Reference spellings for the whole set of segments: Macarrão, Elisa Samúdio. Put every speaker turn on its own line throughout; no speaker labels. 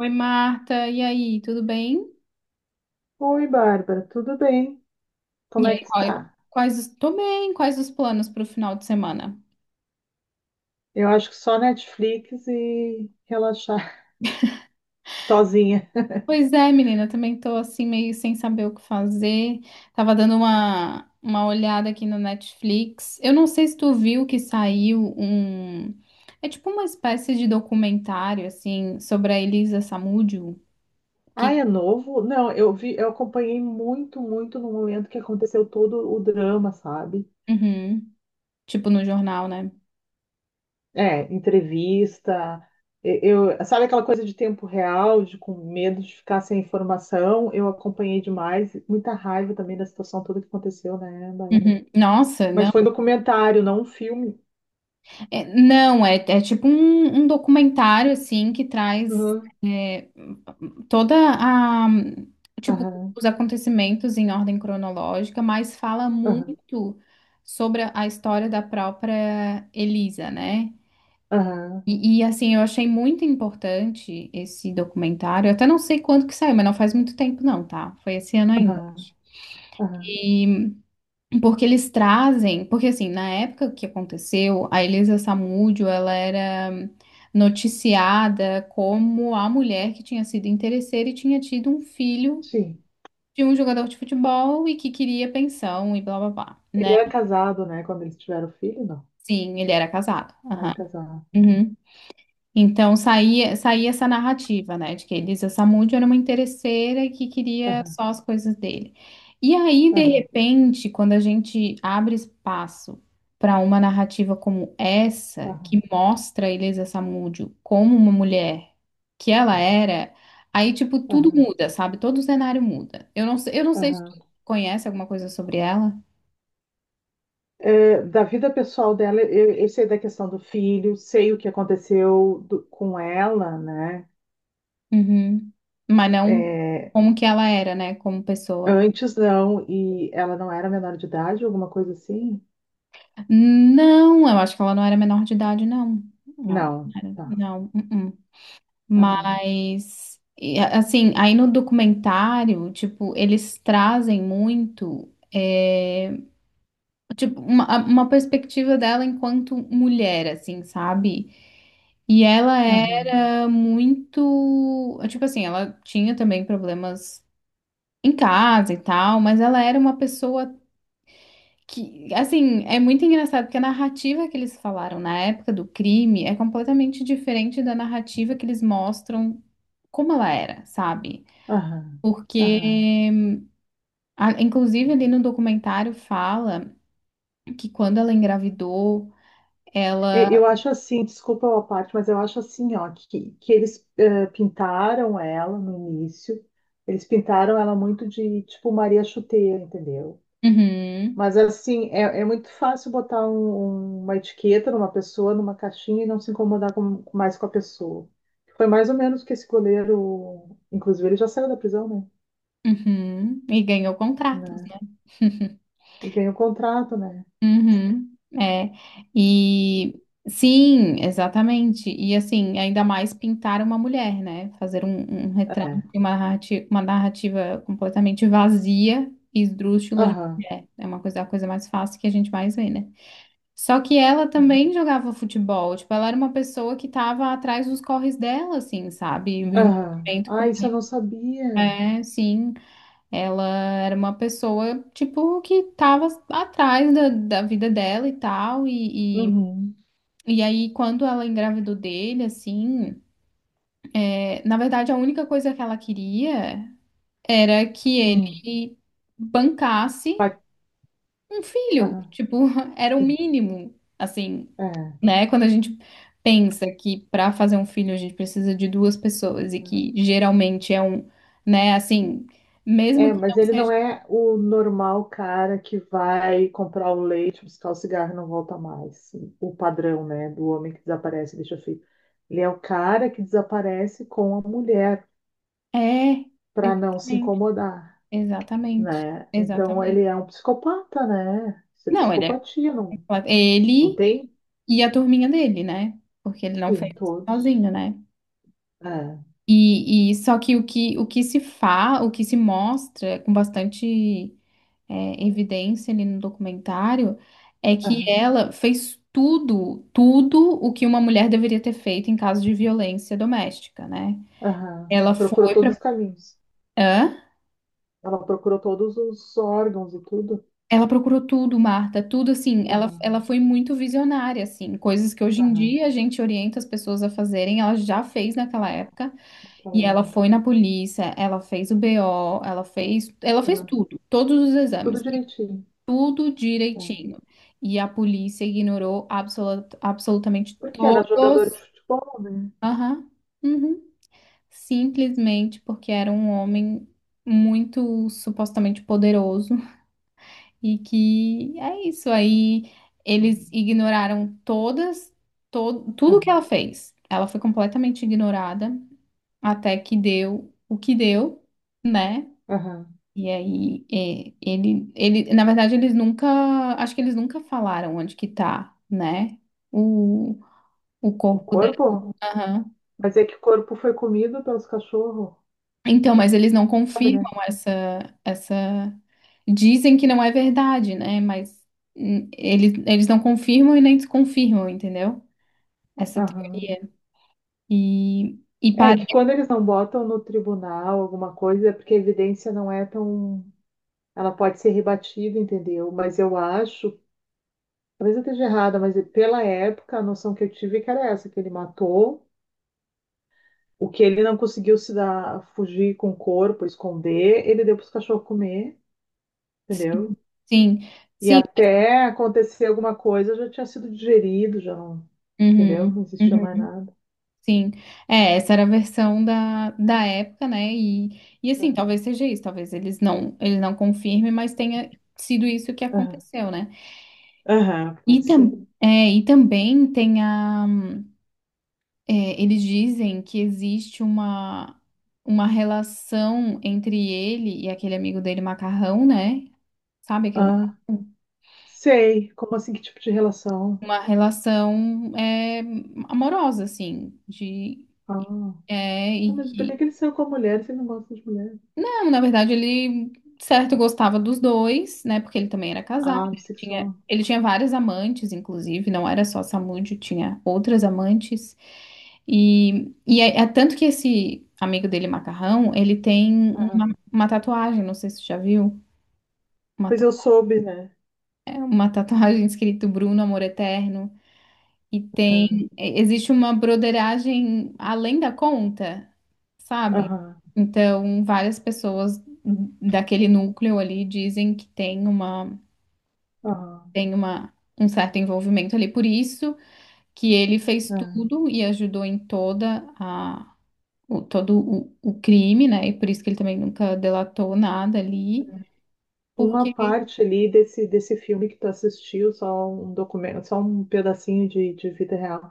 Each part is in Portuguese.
Oi, Marta, e aí, tudo bem?
Oi, Bárbara, tudo bem?
E
Como
aí,
é que tu
qual-
tá?
quais os... Tô bem. Quais os planos para o final de semana?
Eu acho que só Netflix e relaxar sozinha.
Pois é, menina, também tô assim meio sem saber o que fazer. Tava dando uma olhada aqui no Netflix. Eu não sei se tu viu que saiu um... É tipo uma espécie de documentário, assim, sobre a Elisa Samúdio,
Ah, é
que...
novo? Não, eu vi, eu acompanhei muito no momento que aconteceu todo o drama, sabe?
Uhum. Tipo no jornal, né?
É, entrevista, eu, sabe aquela coisa de tempo real, de com medo de ficar sem informação? Eu acompanhei demais, muita raiva também da situação toda que aconteceu, né, Bárbara?
Uhum. Nossa,
Mas
não.
foi um documentário, não um filme.
É tipo um documentário, assim, que traz
Aham,
é, toda a, tipo,
aham,
os acontecimentos em ordem cronológica, mas fala
aham,
muito sobre a história da própria Elisa, né?
aham,
Eu achei muito importante esse documentário. Eu até não sei quando que saiu, mas não faz muito tempo não, tá? Foi esse ano ainda.
aham. Aham.
E Porque eles trazem, porque assim, na época que aconteceu, a Elisa Samúdio, ela era noticiada como a mulher que tinha sido interesseira e tinha tido um filho
Sim.
de um jogador de futebol e que queria pensão e blá blá blá, né?
Ele era casado, né? Quando eles tiveram filho, não.
Sim, ele era casado. Aham.
Era casado.
Uhum. Então saía essa narrativa, né, de que a Elisa Samúdio era uma interesseira e que queria
Aham,
só as coisas dele. E aí, de
aham,
repente, quando a gente abre espaço para uma narrativa como essa,
aham,
que mostra a Elisa Samúdio como uma mulher que ela era, aí, tipo, tudo
aham,
muda, sabe? Todo o cenário muda. Eu não sei se
aham.
tu conhece alguma coisa sobre ela.
É, da vida pessoal dela, eu sei da questão do filho, sei o que aconteceu com ela, né?
Uhum. Mas não
É,
como que ela era, né, como pessoa.
antes não, e ela não era menor de idade, alguma coisa assim?
Não, eu acho que ela não era menor de idade, não. Ela não
Não,
era,
tá.
não. Uh-uh.
Aham,
Aí no documentário, tipo, eles trazem muito, tipo, uma perspectiva dela enquanto mulher, assim, sabe? E ela
aham,
era muito, tipo assim, ela tinha também problemas em casa e tal, mas ela era uma pessoa. Que, assim, é muito engraçado porque a narrativa que eles falaram na época do crime é completamente diferente da narrativa que eles mostram como ela era, sabe?
aham,
Porque,
aham.
inclusive, ali no documentário fala que quando ela engravidou, ela.
É, eu acho assim, desculpa a parte, mas eu acho assim, ó, que eles pintaram ela no início, eles pintaram ela muito de tipo Maria Chuteira, entendeu?
Uhum,
Mas assim, é, é muito fácil botar uma etiqueta numa pessoa, numa caixinha e não se incomodar mais com a pessoa. Foi mais ou menos que esse goleiro, inclusive ele já saiu da prisão,
uhum, e ganhou
né?
contratos,
Né?
né?
E ganhou contrato, né?
Uhum, é. E sim, exatamente. E assim, ainda mais pintar uma mulher, né? Fazer um retrato,
É.
uma narrativa completamente vazia e esdrúxula de uma
Aham.
mulher. É uma coisa, a coisa mais fácil que a gente mais vê, né? Só que ela também jogava futebol. Tipo, ela era uma pessoa que tava atrás dos corres dela, assim, sabe? O
Aham.
envolvimento com.
Ah, isso eu não sabia.
É, sim. Ela era uma pessoa, tipo, que tava atrás da, da vida dela e tal.
Uhum.
E aí, quando ela engravidou dele, assim, é, na verdade, a única coisa que ela queria era que
Uhum.
ele bancasse
Vai.
um filho.
Aham.
Tipo, era o mínimo, assim,
É,
né? Quando a gente pensa que para fazer um filho a gente precisa de duas pessoas e que geralmente é um, né, assim, mesmo
é,
que não
mas ele não
seja.
é o normal cara que vai comprar o leite, buscar o cigarro e não volta mais. O padrão, né, do homem que desaparece e deixa filho. Ele é o cara que desaparece com a mulher
É,
para não se
exatamente.
incomodar,
Exatamente,
né? Então
exatamente.
ele é um psicopata, né? Isso é
Não, ele é
psicopatia, não,
completo.
não
Ele
tem?
e a turminha dele, né? Porque ele não fez
Sim, todos.
sozinho, né?
É,
Só que o que se mostra com bastante evidência ali no documentário é que
aham,
ela fez tudo, tudo o que uma mulher deveria ter feito em caso de violência doméstica, né?
aham.
Ela
Procurou
foi
todos
pra.
os caminhos.
Hã?
Ela procurou todos os órgãos e tudo.
Ela procurou tudo, Marta, tudo assim. Ela,
Aham,
ela foi muito visionária, assim. Coisas que hoje em
aham,
dia a gente orienta as pessoas a fazerem, ela já fez naquela
aham.
época. E ela
Aquela
foi na polícia, ela fez o BO, ela fez
aham.
tudo, todos os
Tudo
exames, e
direitinho.
tudo
É.
direitinho. E a polícia ignorou absolutamente
Porque era jogador de
todos.
futebol, né?
Aham. Uhum. Simplesmente porque era um homem muito supostamente poderoso. E que é isso. Aí eles ignoraram todo, tudo que
É.
ela fez. Ela foi completamente ignorada até que deu o que deu, né?
Aham.
E aí é, na verdade, eles nunca, acho que eles nunca falaram onde que tá, né? O, o
O
corpo dela.
corpo? Mas é que o corpo foi comido pelos cachorros,
Então, mas eles não
sabe, né?
confirmam essa, essa. Dizem que não é verdade, né? Mas eles não confirmam e nem desconfirmam, entendeu? Essa
Aham.
teoria. E
É
parece.
que quando eles não botam no tribunal alguma coisa, é porque a evidência não é tão. Ela pode ser rebatida, entendeu? Mas eu acho, talvez eu esteja errada, mas pela época a noção que eu tive é que era essa, que ele matou, o que ele não conseguiu se dar, fugir com o corpo, esconder, ele deu para os cachorros comer, entendeu?
Sim,
E
sim.
até acontecer alguma coisa já tinha sido digerido, já não, entendeu?
Uhum,
Não existia mais
uhum,
nada.
sim. É, essa era a versão da, da época, né? E assim,
Ah,
talvez seja isso, talvez eles não confirmem, mas tenha sido isso que
aham,
aconteceu, né?
aham, pode ser.
E também tem a. É, eles dizem que existe uma relação entre ele e aquele amigo dele, Macarrão, né? Sabe aquele
Ah,
macarrão?
sei. Como assim, que tipo de relação?
Uma relação é, amorosa, assim, de,
Ah,
é,
tá,
e
mas por que que
que
ele saiu com a mulher se ele não gosta de mulher?
não, na verdade, ele, certo, gostava dos dois, né? Porque ele também era casado,
Ah, bissexual.
ele tinha várias amantes, inclusive, não era só essa amante, tinha outras amantes. É tanto que esse amigo dele, Macarrão, ele tem
Ah,
uma tatuagem, não sei se você já viu, uma,
pois
ta-
eu soube, né?
uma tatuagem escrito Bruno, Amor Eterno.
Ah,
Existe uma broderagem além da conta, sabe?
aham,
Então, várias pessoas daquele núcleo ali dizem que tem
aham,
uma, um certo envolvimento ali, por isso que ele fez
aham.
tudo e ajudou em toda a, o, todo o crime, né? E por isso que ele também nunca delatou nada ali,
Uma
porque...
parte ali desse filme que tu assistiu, só um documento, só um pedacinho de vida real.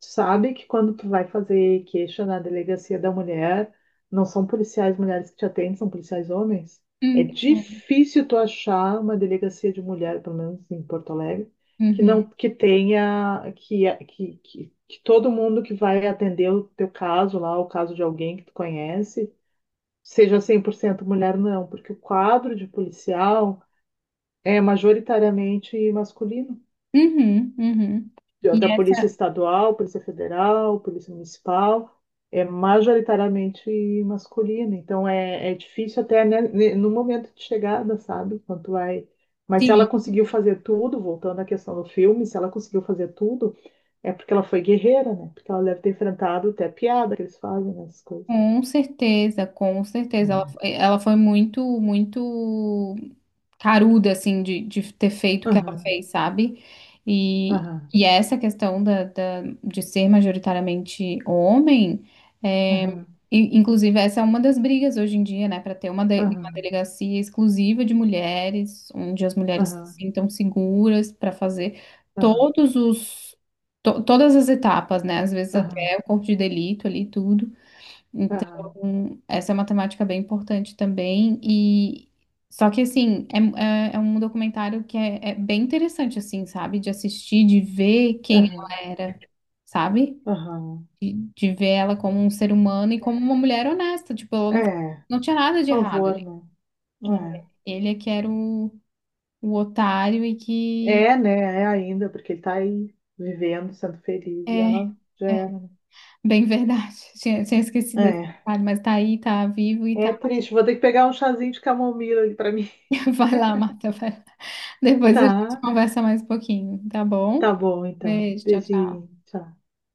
Tu sabe que quando tu vai fazer queixa na delegacia da mulher, não são policiais mulheres que te atendem, são policiais homens. É
Hum,
difícil tu achar uma delegacia de mulher, pelo menos em Porto Alegre, que
uhum,
não que tenha que todo mundo que vai atender o teu caso lá, o caso de alguém que tu conhece, seja 100% mulher, não, porque o quadro de policial é majoritariamente masculino.
uhum, uhum. E
Da Polícia
essa,
Estadual, Polícia Federal, Polícia Municipal, é majoritariamente masculino. Então é, é difícil até né, no momento de chegada, sabe? Quando vai. Mas se
sim.
ela conseguiu fazer tudo, voltando à questão do filme, se ela conseguiu fazer tudo, é porque ela foi guerreira, né? Porque ela deve ter enfrentado até piada que eles fazem nessas coisas.
Com certeza, com certeza. Ela foi muito, muito caruda, assim, de ter feito o que ela
Aham,
fez, sabe? E,
aham,
essa questão da, de ser majoritariamente homem, é,
aham,
e, inclusive, essa é uma das brigas hoje em dia, né? Para ter uma
aham,
delegacia exclusiva de mulheres, onde as mulheres se
aham,
sintam seguras para fazer
aham,
todos os, todas as etapas, né? Às vezes
aham,
até o corpo de delito ali, tudo.
aham,
Então, essa é uma temática bem importante também. Só que assim, é um documentário que é bem interessante, assim, sabe? De assistir, de ver quem
aham,
ela era, sabe?
aham.
De ver ela como um ser humano e como uma mulher honesta. Tipo, ela não,
É.
não tinha nada de
Por
errado
favor,
ali.
né?
Ele é que era o otário, e
É,
que
é né? É ainda, porque ele tá aí vivendo, sendo feliz, e
é
ela já
é
era.
bem verdade. Tinha esquecido esse
Né?
detalhe, mas tá aí, tá vivo e
É, é triste. Vou ter que pegar um chazinho de camomila ali pra mim.
vai lá, Marta, vai lá. Depois a gente
Tá,
conversa mais um pouquinho, tá bom?
tá bom então.
Beijo, tchau,
Beijinho,
tchau.
tchau.